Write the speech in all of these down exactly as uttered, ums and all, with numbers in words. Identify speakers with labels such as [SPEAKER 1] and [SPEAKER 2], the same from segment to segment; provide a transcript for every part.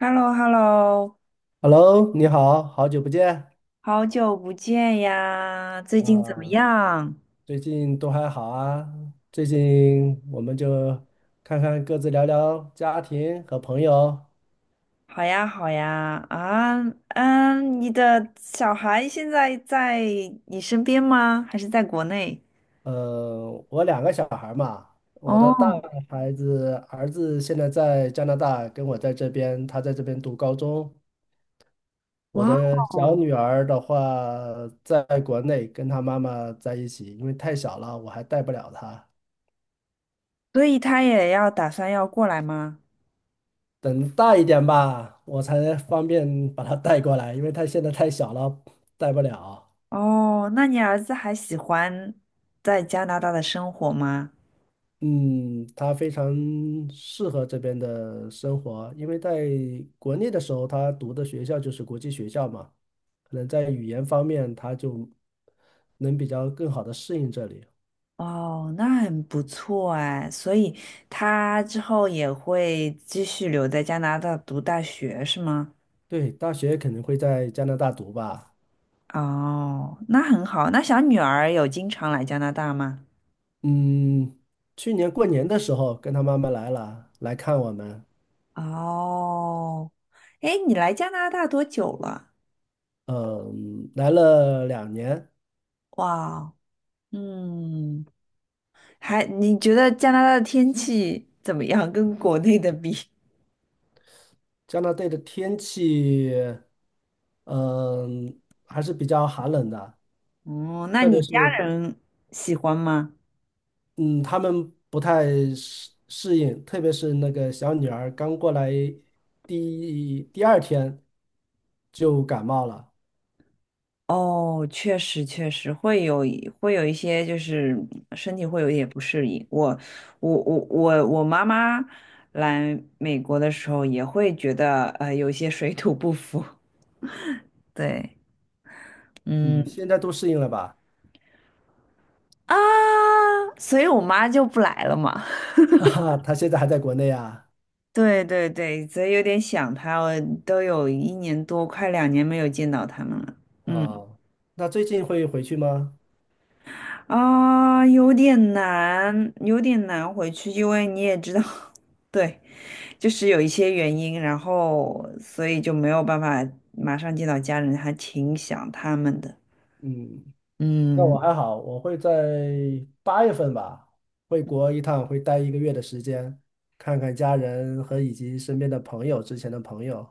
[SPEAKER 1] h e l l o h e l l o
[SPEAKER 2] Hello，你好，好久不见
[SPEAKER 1] 好久不见呀，最近怎么
[SPEAKER 2] 啊，
[SPEAKER 1] 样？
[SPEAKER 2] 最近都还好啊？最近我们就看看各自聊聊家庭和朋友。
[SPEAKER 1] 好呀，好呀，啊，嗯，你的小孩现在在你身边吗？还是在国内？
[SPEAKER 2] 呃，我两个小孩儿嘛，我的大
[SPEAKER 1] 哦，
[SPEAKER 2] 孩子儿子现在在加拿大，跟我在这边，他在这边读高中。我
[SPEAKER 1] 哇
[SPEAKER 2] 的小
[SPEAKER 1] 哦，
[SPEAKER 2] 女儿的话，在国内跟她妈妈在一起，因为太小了，我还带不了她。
[SPEAKER 1] 所以他也要打算要过来吗？
[SPEAKER 2] 等大一点吧，我才方便把它带过来，因为它现在太小了，带不了。
[SPEAKER 1] 哦，那你儿子还喜欢在加拿大的生活吗？
[SPEAKER 2] 嗯，它非常适合这边的生活，因为在国内的时候，他读的学校就是国际学校嘛，可能在语言方面，他就能比较更好的适应这里。
[SPEAKER 1] 哦，那很不错哎，所以他之后也会继续留在加拿大读大学，是吗？
[SPEAKER 2] 对，大学肯定会在加拿大读吧。
[SPEAKER 1] 哦，那很好。那小女儿有经常来加拿大吗？
[SPEAKER 2] 嗯，去年过年的时候跟他妈妈来了，来看我们，
[SPEAKER 1] 哦，哎，你来加拿大多久了？
[SPEAKER 2] 嗯，来了两年。
[SPEAKER 1] 哇，嗯，还，你觉得加拿大的天气怎么样？跟国内的比？
[SPEAKER 2] 加拿大的天气，嗯，还是比较寒冷的，
[SPEAKER 1] 哦，那
[SPEAKER 2] 特别
[SPEAKER 1] 你家
[SPEAKER 2] 是
[SPEAKER 1] 人喜欢吗？
[SPEAKER 2] 嗯，他们不太适适应，特别是那个小女儿刚过来第第二天就感冒了，
[SPEAKER 1] 哦，确实确实会有一会有一些，就是身体会有一点不适应。我我我我我妈妈来美国的时候也会觉得呃有一些水土不服。对，嗯
[SPEAKER 2] 嗯，现在都适应了吧？
[SPEAKER 1] 啊，所以我妈就不来了嘛。
[SPEAKER 2] 哈哈，她现在还在国内啊，
[SPEAKER 1] 对对对，所以有点想她，我都有一年多，快两年没有见到他们了。嗯
[SPEAKER 2] 哦，那最近会回去吗？
[SPEAKER 1] 啊，有点难，有点难回去，因为你也知道，对。就是有一些原因，然后所以就没有办法马上见到家人，还挺想他们的。
[SPEAKER 2] 嗯。那我
[SPEAKER 1] 嗯，
[SPEAKER 2] 还好，我会在八月份吧，回国一趟，会待一个月的时间，看看家人和以及身边的朋友，之前的朋友。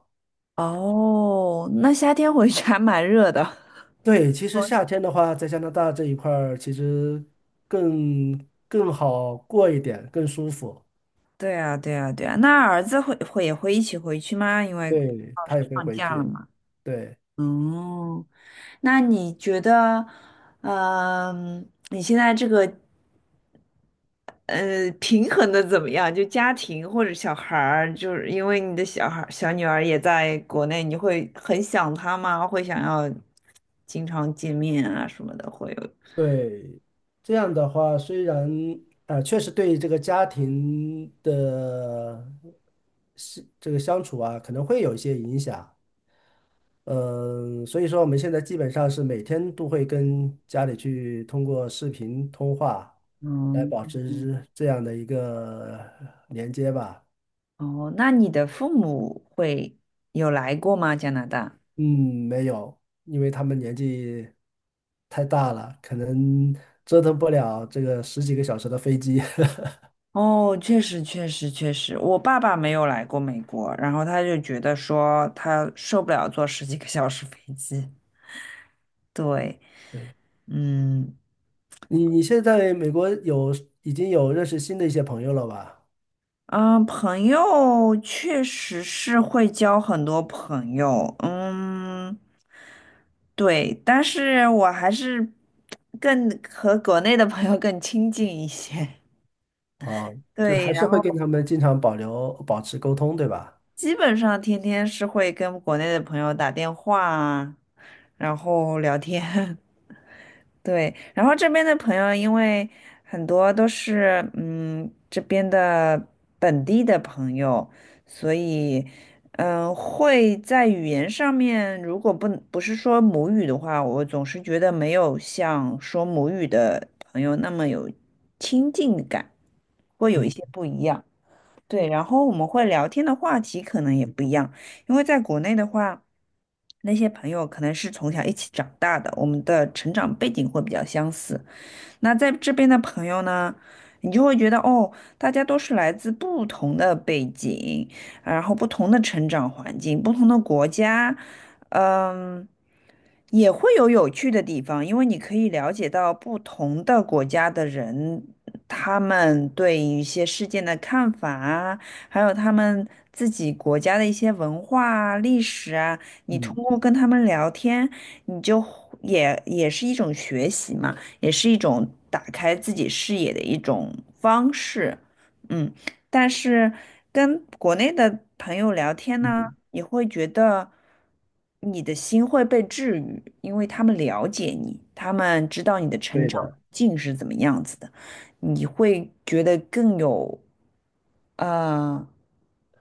[SPEAKER 1] 哦，那夏天回去还蛮热的。
[SPEAKER 2] 对，其实夏天的话，在加拿大这一块儿，其实更更好过一点，更舒服。
[SPEAKER 1] 对啊，对啊，对啊。那儿子会会也会一起回去吗？因为
[SPEAKER 2] 对，
[SPEAKER 1] 老师
[SPEAKER 2] 他也会
[SPEAKER 1] 放
[SPEAKER 2] 回
[SPEAKER 1] 假了
[SPEAKER 2] 去。
[SPEAKER 1] 嘛。
[SPEAKER 2] 对
[SPEAKER 1] 哦，那你觉得，嗯、你现在这个呃，平衡的怎么样？就家庭或者小孩儿，就是因为你的小孩儿、小女儿也在国内，你会很想她吗？会想要经常见面啊什么的，会有。
[SPEAKER 2] 对，这样的话，虽然啊、呃确实对这个家庭的是这个相处啊，可能会有一些影响。嗯，所以说我们现在基本上是每天都会跟家里去通过视频通话来
[SPEAKER 1] 嗯，
[SPEAKER 2] 保持这样的一个连接吧。
[SPEAKER 1] 哦，那你的父母会有来过吗？加拿大？
[SPEAKER 2] 嗯，没有，因为他们年纪太大了，可能折腾不了这个十几个小时的飞机。
[SPEAKER 1] 哦，确实，确实，确实，我爸爸没有来过美国，然后他就觉得说他受不了坐十几个小时飞机。对，
[SPEAKER 2] 对，
[SPEAKER 1] 嗯，
[SPEAKER 2] 你你现在美国有已经有认识新的一些朋友了吧？
[SPEAKER 1] 嗯，朋友确实是会交很多朋友，嗯，对，但是我还是更和国内的朋友更亲近一些，
[SPEAKER 2] 啊，就是
[SPEAKER 1] 对，
[SPEAKER 2] 还是
[SPEAKER 1] 然
[SPEAKER 2] 会跟
[SPEAKER 1] 后
[SPEAKER 2] 他们经常保留保持沟通，对吧？
[SPEAKER 1] 基本上天天是会跟国内的朋友打电话啊，然后聊天，对，然后这边的朋友，因为很多都是嗯这边的本地的朋友，所以嗯、呃会在语言上面，如果不不是说母语的话，我总是觉得没有像说母语的朋友那么有亲近感，会有一些
[SPEAKER 2] 嗯
[SPEAKER 1] 不一样。对，然后我们会聊天的话题可能也不一样，因为在国内的话，那些朋友可能是从小一起长大的，我们的成长背景会比较相似。那在这边的朋友呢，你就会觉得哦，大家都是来自不同的背景，然后不同的成长环境，不同的国家，嗯。也会有有趣的地方，因为你可以了解到不同的国家的人，他们对一些事件的看法啊，还有他们自己国家的一些文化啊、历史啊。你
[SPEAKER 2] 嗯
[SPEAKER 1] 通过跟他们聊天，你就会也也是一种学习嘛，也是一种打开自己视野的一种方式。嗯，但是跟国内的朋友聊天呢？
[SPEAKER 2] 嗯，
[SPEAKER 1] 你会觉得你的心会被治愈，因为他们了解你，他们知道你的成
[SPEAKER 2] 对
[SPEAKER 1] 长
[SPEAKER 2] 的。
[SPEAKER 1] 境是怎么样子的，你会觉得更有呃，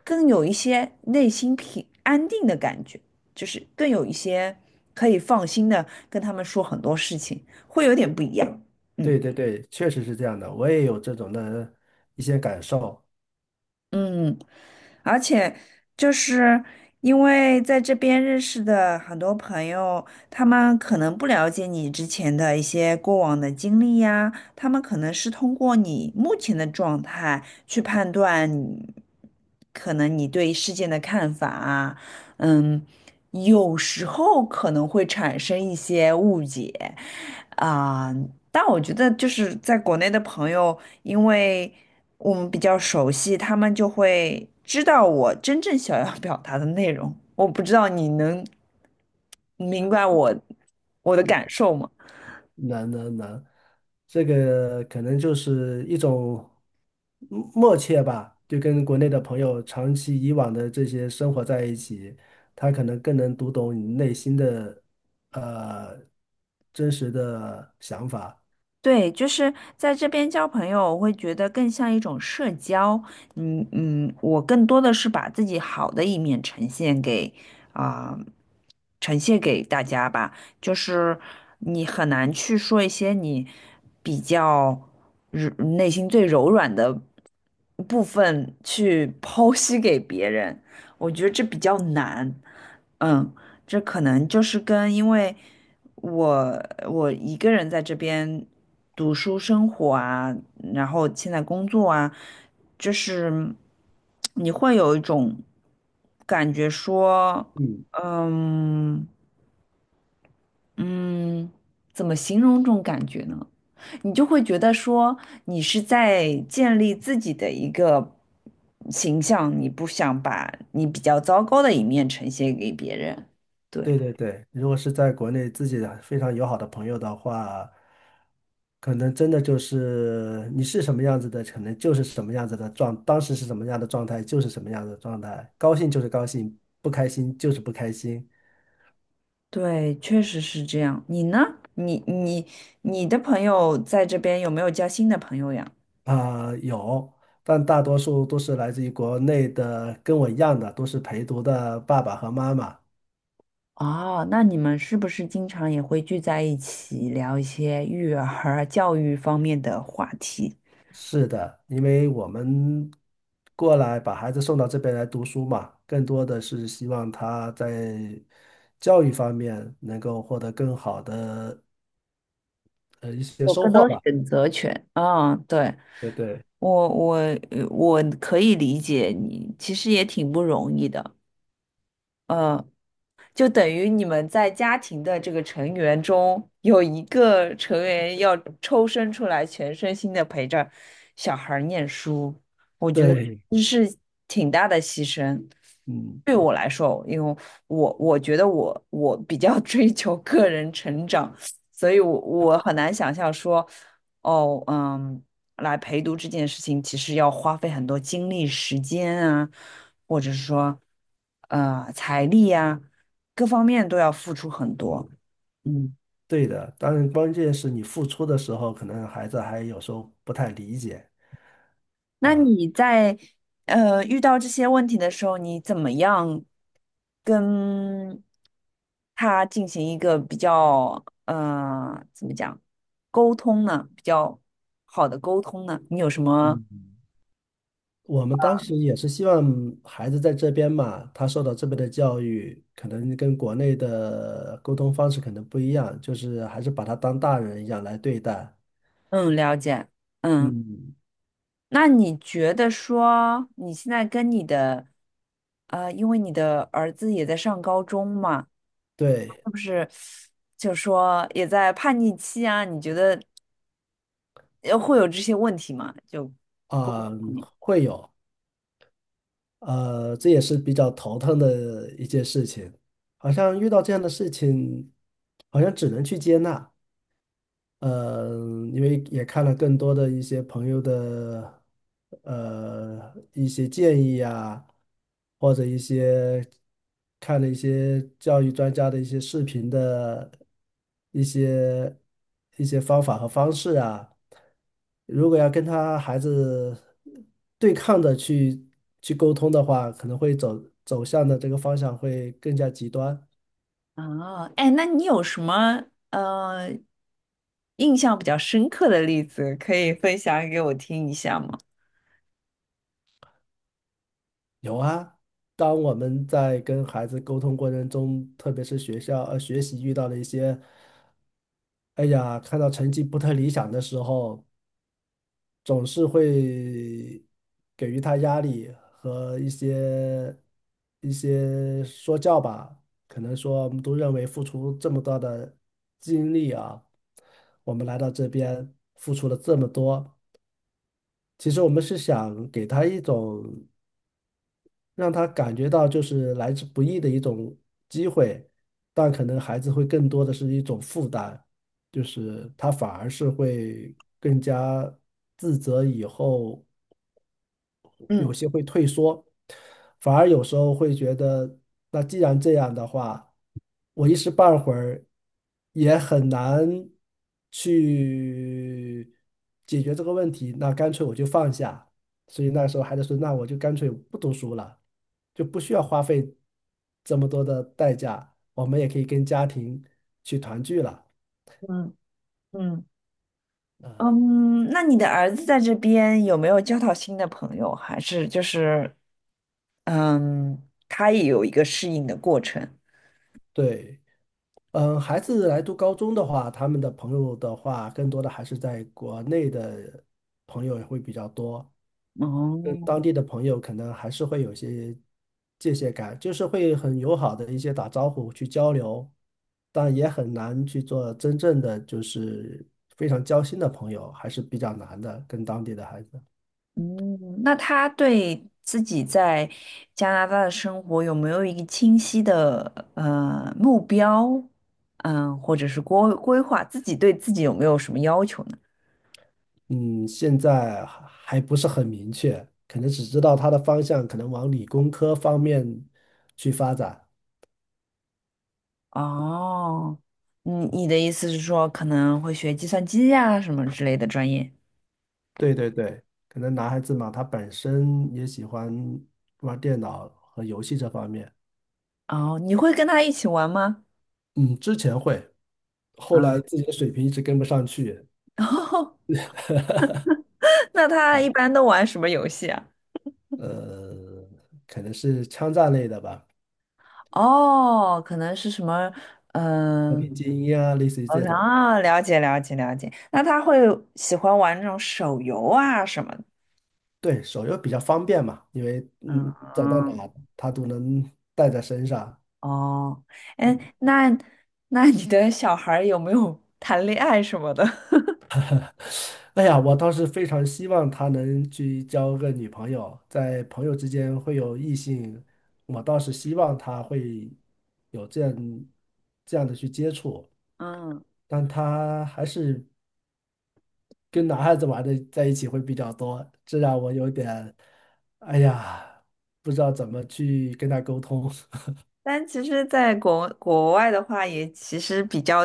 [SPEAKER 1] 更有一些内心平安定的感觉，就是更有一些可以放心的跟他们说很多事情，会有点不一样。嗯
[SPEAKER 2] 对对对，确实是这样的，我也有这种的一些感受。
[SPEAKER 1] 嗯，而且就是因为在这边认识的很多朋友，他们可能不了解你之前的一些过往的经历呀，他们可能是通过你目前的状态去判断你可能你对事件的看法啊，嗯，有时候可能会产生一些误解啊，但我觉得就是在国内的朋友。因为我们比较熟悉，他们就会知道我真正想要表达的内容。我不知道你能明白我我的感受吗？
[SPEAKER 2] 能能能，这个可能就是一种嗯默契吧，就跟国内的朋友长期以往的这些生活在一起，他可能更能读懂你内心的呃真实的想法。
[SPEAKER 1] 对，就是在这边交朋友，我会觉得更像一种社交。嗯嗯，我更多的是把自己好的一面呈现给啊、呈现给大家吧。就是你很难去说一些你比较柔内心最柔软的部分去 剖析给别人，我觉得这比较难。嗯，这可能就是跟因为。我我一个人在这边读书生活啊，然后现在工作啊，就是你会有一种感觉说，
[SPEAKER 2] 嗯。
[SPEAKER 1] 嗯嗯，怎么形容这种感觉呢？你就会觉得说你是在建立自己的一个形象，你不想把你比较糟糕的一面呈现给别人，对。
[SPEAKER 2] 对对对，如果是在国内自己的非常友好的朋友的话，可能真的就是你是什么样子的，可能就是什么样子的状，当时是什么样的状态就是什么样的状态，高兴就是高兴，不开心就是不开心
[SPEAKER 1] 对，确实是这样。你呢？你你你的朋友在这边有没有交新的朋友呀？
[SPEAKER 2] 啊，有，但大多数都是来自于国内的，跟我一样的，都是陪读的爸爸和妈妈。
[SPEAKER 1] 哦，那你们是不是经常也会聚在一起聊一些育儿、教育方面的话题？
[SPEAKER 2] 是的，因为我们过来把孩子送到这边来读书嘛，更多的是希望他在教育方面能够获得更好的呃一些
[SPEAKER 1] 有
[SPEAKER 2] 收
[SPEAKER 1] 更
[SPEAKER 2] 获
[SPEAKER 1] 多
[SPEAKER 2] 吧。
[SPEAKER 1] 选择权。嗯，对，
[SPEAKER 2] 对对
[SPEAKER 1] 我我呃我可以理解你，其实也挺不容易的。呃，就等于你们在家庭的这个成员中有一个成员要抽身出来，全身心的陪着小孩儿念书，我觉得
[SPEAKER 2] 对，
[SPEAKER 1] 这是挺大的牺牲。
[SPEAKER 2] 嗯，
[SPEAKER 1] 对我来说，因为我我觉得我我比较 追求个人成长，所以我我很难想象说，哦，嗯，来陪读这件事情，其实要花费很多精力、时间啊，或者是说，呃，财力呀。各方面都要付出很多。嗯，
[SPEAKER 2] 对的。当然，关键是你付出的时候，可能孩子还有时候不太理解
[SPEAKER 1] 那
[SPEAKER 2] 啊。
[SPEAKER 1] 你在呃遇到这些问题的时候，你怎么样跟他进行一个比较呃怎么讲沟通呢？比较好的沟通呢？你有什么
[SPEAKER 2] 嗯。我们当时也是希望孩子在这边嘛，他受到这边的教育，可能跟国内的沟通方式可能不一样，就是还是把他当大人一样来对待。
[SPEAKER 1] 嗯了解？嗯，
[SPEAKER 2] 嗯，
[SPEAKER 1] 那你觉得说你现在跟你的呃，因为你的儿子也在上高中嘛？
[SPEAKER 2] 对，
[SPEAKER 1] 是不是就是说也在叛逆期啊？你觉得呃会有这些问题吗？就沟通
[SPEAKER 2] 啊，
[SPEAKER 1] 方面
[SPEAKER 2] 会有，呃，这也是比较头疼的一件事情。好像遇到这样的事情，好像只能去接纳。嗯，因为也看了更多的一些朋友的呃一些建议啊，或者一些看了一些教育专家的一些视频的一些一些方法和方式啊，如果要跟他孩子对抗的去去沟通的话，可能会走走向的这个方向会更加极端。
[SPEAKER 1] 啊，哎，那你有什么呃印象比较深刻的例子可以分享给我听一下吗？
[SPEAKER 2] 有啊，当我们在跟孩子沟通过程中，特别是学校呃学习遇到了一些，哎呀，看到成绩不太理想的时候，总是会给予他压力和一些一些说教吧。可能说我们都认为付出这么大的精力啊，我们来到这边付出了这么多，其实我们是想给他一种。让他感觉到就是来之不易的一种机会，但可能孩子会更多的是一种负担，就是他反而是会更加自责以后有
[SPEAKER 1] 嗯
[SPEAKER 2] 些会退缩，反而有时候会觉得，那既然这样的话，我一时半会儿也很难去解决这个问题，那干脆我就放下。所以那时候还是说，那我就干脆不读书了，就不需要花费这么多的代价，我们也可以跟家庭去团聚了。
[SPEAKER 1] 嗯嗯嗯，那你的儿子在这边有没有交到新的朋友？还是就是嗯，他也有一个适应的过程？
[SPEAKER 2] 对。嗯，孩子来读高中的话，他们的朋友的话，更多的还是在国内的朋友也会比较多，跟当
[SPEAKER 1] 哦，
[SPEAKER 2] 地的朋友可能还是会有些界限感，就是会很友好的一些打招呼去交流，但也很难去做真正的就是非常交心的朋友，还是比较难的，跟当地的孩子。
[SPEAKER 1] 嗯，那他对自己在加拿大的生活有没有一个清晰的呃目标？嗯，或者是规规划，自己对自己有没有什么要求呢？
[SPEAKER 2] 嗯，现在还还不是很明确，可能只知道他的方向可能往理工科方面去发展。
[SPEAKER 1] 哦，你你的意思是说可能会学计算机呀、什么之类的专业？
[SPEAKER 2] 对对对，可能男孩子嘛，他本身也喜欢玩电脑和游戏这方面。
[SPEAKER 1] 哦，你会跟他一起玩吗？
[SPEAKER 2] 嗯，之前会，后来
[SPEAKER 1] 嗯，
[SPEAKER 2] 自己的水平一直跟不上去，
[SPEAKER 1] 那他一般都玩什么游戏啊？
[SPEAKER 2] 呃，可能是枪战类的吧，
[SPEAKER 1] 哦，可能是什么，
[SPEAKER 2] 和
[SPEAKER 1] 嗯、
[SPEAKER 2] 平精英啊，类似于
[SPEAKER 1] 呃，
[SPEAKER 2] 这种的
[SPEAKER 1] 啊，了解了解了解。那他会喜欢玩那种手游啊什么的
[SPEAKER 2] 对，手游比较方便嘛，因为
[SPEAKER 1] 嗯
[SPEAKER 2] 嗯，走到
[SPEAKER 1] 嗯，
[SPEAKER 2] 哪他都能带在身上。
[SPEAKER 1] 哦，哎，那那你的小孩儿有没有 谈恋爱什么的？
[SPEAKER 2] 哎呀，我倒是非常希望他能去交个女朋友，在朋友之间会有异性，我倒是希望他会有这样这样的去接触，
[SPEAKER 1] 嗯，
[SPEAKER 2] 但他还是跟男孩子玩的在一起会比较多，这让我有点，哎呀，不知道怎么去跟他沟通。
[SPEAKER 1] 但其实，在国国外的话，也其实比较，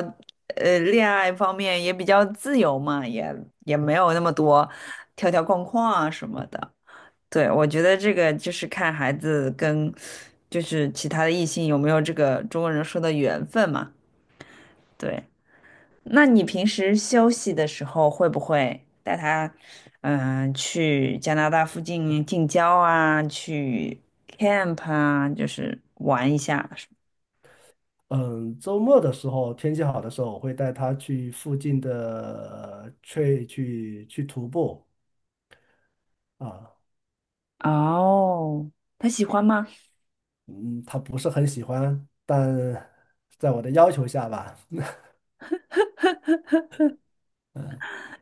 [SPEAKER 1] 呃，恋爱方面也比较自由嘛，也也没有那么多条条框框啊什么的。对，我觉得这个就是看孩子跟就是其他的异性有没有这个中国人说的缘分嘛。对，那你平时休息的时候会不会带他嗯、去加拿大附近近郊啊，去 camp 啊，就是玩一下？
[SPEAKER 2] 嗯，周末的时候，天气好的时候，我会带他去附近的去去去徒步啊。
[SPEAKER 1] 哦，他喜欢吗？
[SPEAKER 2] 嗯，他不是很喜欢，但在我的要求下吧，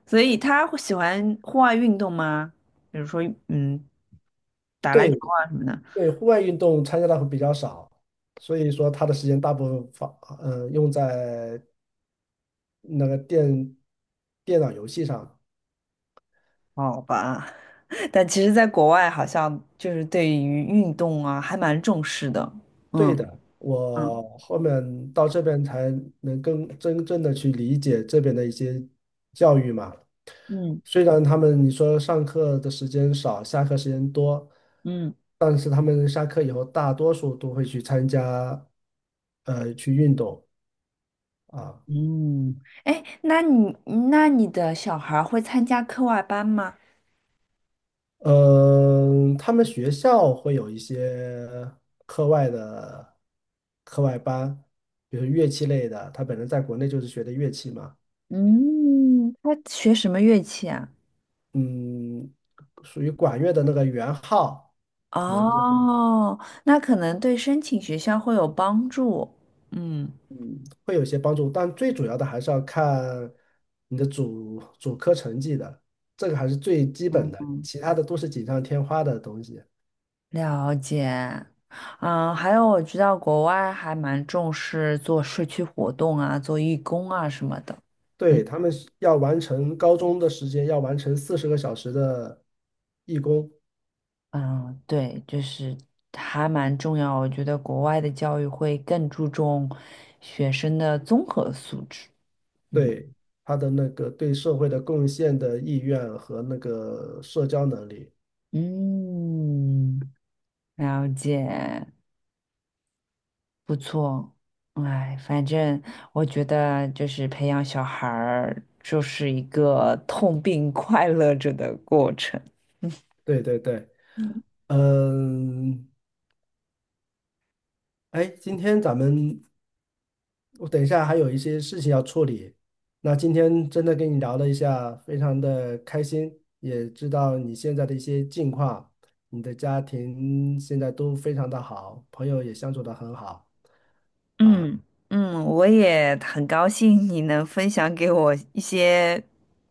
[SPEAKER 1] 所以他会喜欢户外运动吗？比如说嗯打篮
[SPEAKER 2] 对
[SPEAKER 1] 球啊什么的。
[SPEAKER 2] 对，户外运动参加的会比较少，所以说他的时间大部分放，呃，用在那个电电脑游戏上。
[SPEAKER 1] 好吧。但其实，在国外好像就是对于运动啊，还蛮重视的。嗯
[SPEAKER 2] 对的，
[SPEAKER 1] 嗯
[SPEAKER 2] 我后面到这边才能更真正的去理解这边的一些教育嘛。
[SPEAKER 1] 嗯
[SPEAKER 2] 虽然他们你说上课的时间少，下课时间多，
[SPEAKER 1] 嗯，
[SPEAKER 2] 但是他们下课以后大多数都会去参加，呃，去运动啊。
[SPEAKER 1] 嗯，哎，那你那你的小孩儿会参加课外班吗？
[SPEAKER 2] 嗯，他们学校会有一些课外的课外班，比如乐器类的。他本人在国内就是学的乐器嘛。
[SPEAKER 1] 嗯，他学什么乐器啊？
[SPEAKER 2] 嗯，属于管乐的那个圆号，可能就
[SPEAKER 1] 哦，那可能对申请学校会有帮助。嗯，
[SPEAKER 2] 会有些帮助，但最主要的还是要看你的主主科成绩的，这个还是最基本
[SPEAKER 1] 嗯
[SPEAKER 2] 的，
[SPEAKER 1] 嗯，
[SPEAKER 2] 其他的都是锦上添花的东西。
[SPEAKER 1] 了解。嗯，还有我知道国外还蛮重视做社区活动啊，做义工啊什么的。嗯。
[SPEAKER 2] 对，他们是要完成高中的时间，要完成四十个小时的义工，
[SPEAKER 1] 嗯，对，就是还蛮重要。我觉得国外的教育会更注重学生的综合素质。嗯
[SPEAKER 2] 对，他的那个对社会的贡献的意愿和那个社交能力，
[SPEAKER 1] 嗯，了解，不错。哎，反正我觉得就是培养小孩儿，就是一个痛并快乐着的过程。
[SPEAKER 2] 对对对，嗯，哎，今天咱们我等一下还有一些事情要处理。那今天真的跟你聊了一下，非常的开心，也知道你现在的一些近况，你的家庭现在都非常的好，朋友也相处的很好。
[SPEAKER 1] 嗯嗯，我也很高兴你能分享给我一些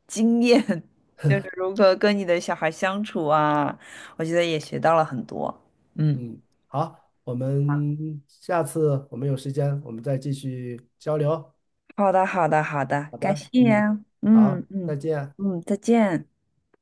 [SPEAKER 1] 经验，就是如何跟你的小孩相处啊，我觉得也学到了很多。嗯，
[SPEAKER 2] 嗯，好，我们下次我们有时间，我们再继续交流。
[SPEAKER 1] 好的，好的，好的，
[SPEAKER 2] 好
[SPEAKER 1] 感
[SPEAKER 2] 的，
[SPEAKER 1] 谢
[SPEAKER 2] 嗯，
[SPEAKER 1] 啊
[SPEAKER 2] 好，
[SPEAKER 1] 嗯嗯
[SPEAKER 2] 再见。
[SPEAKER 1] 嗯，再见。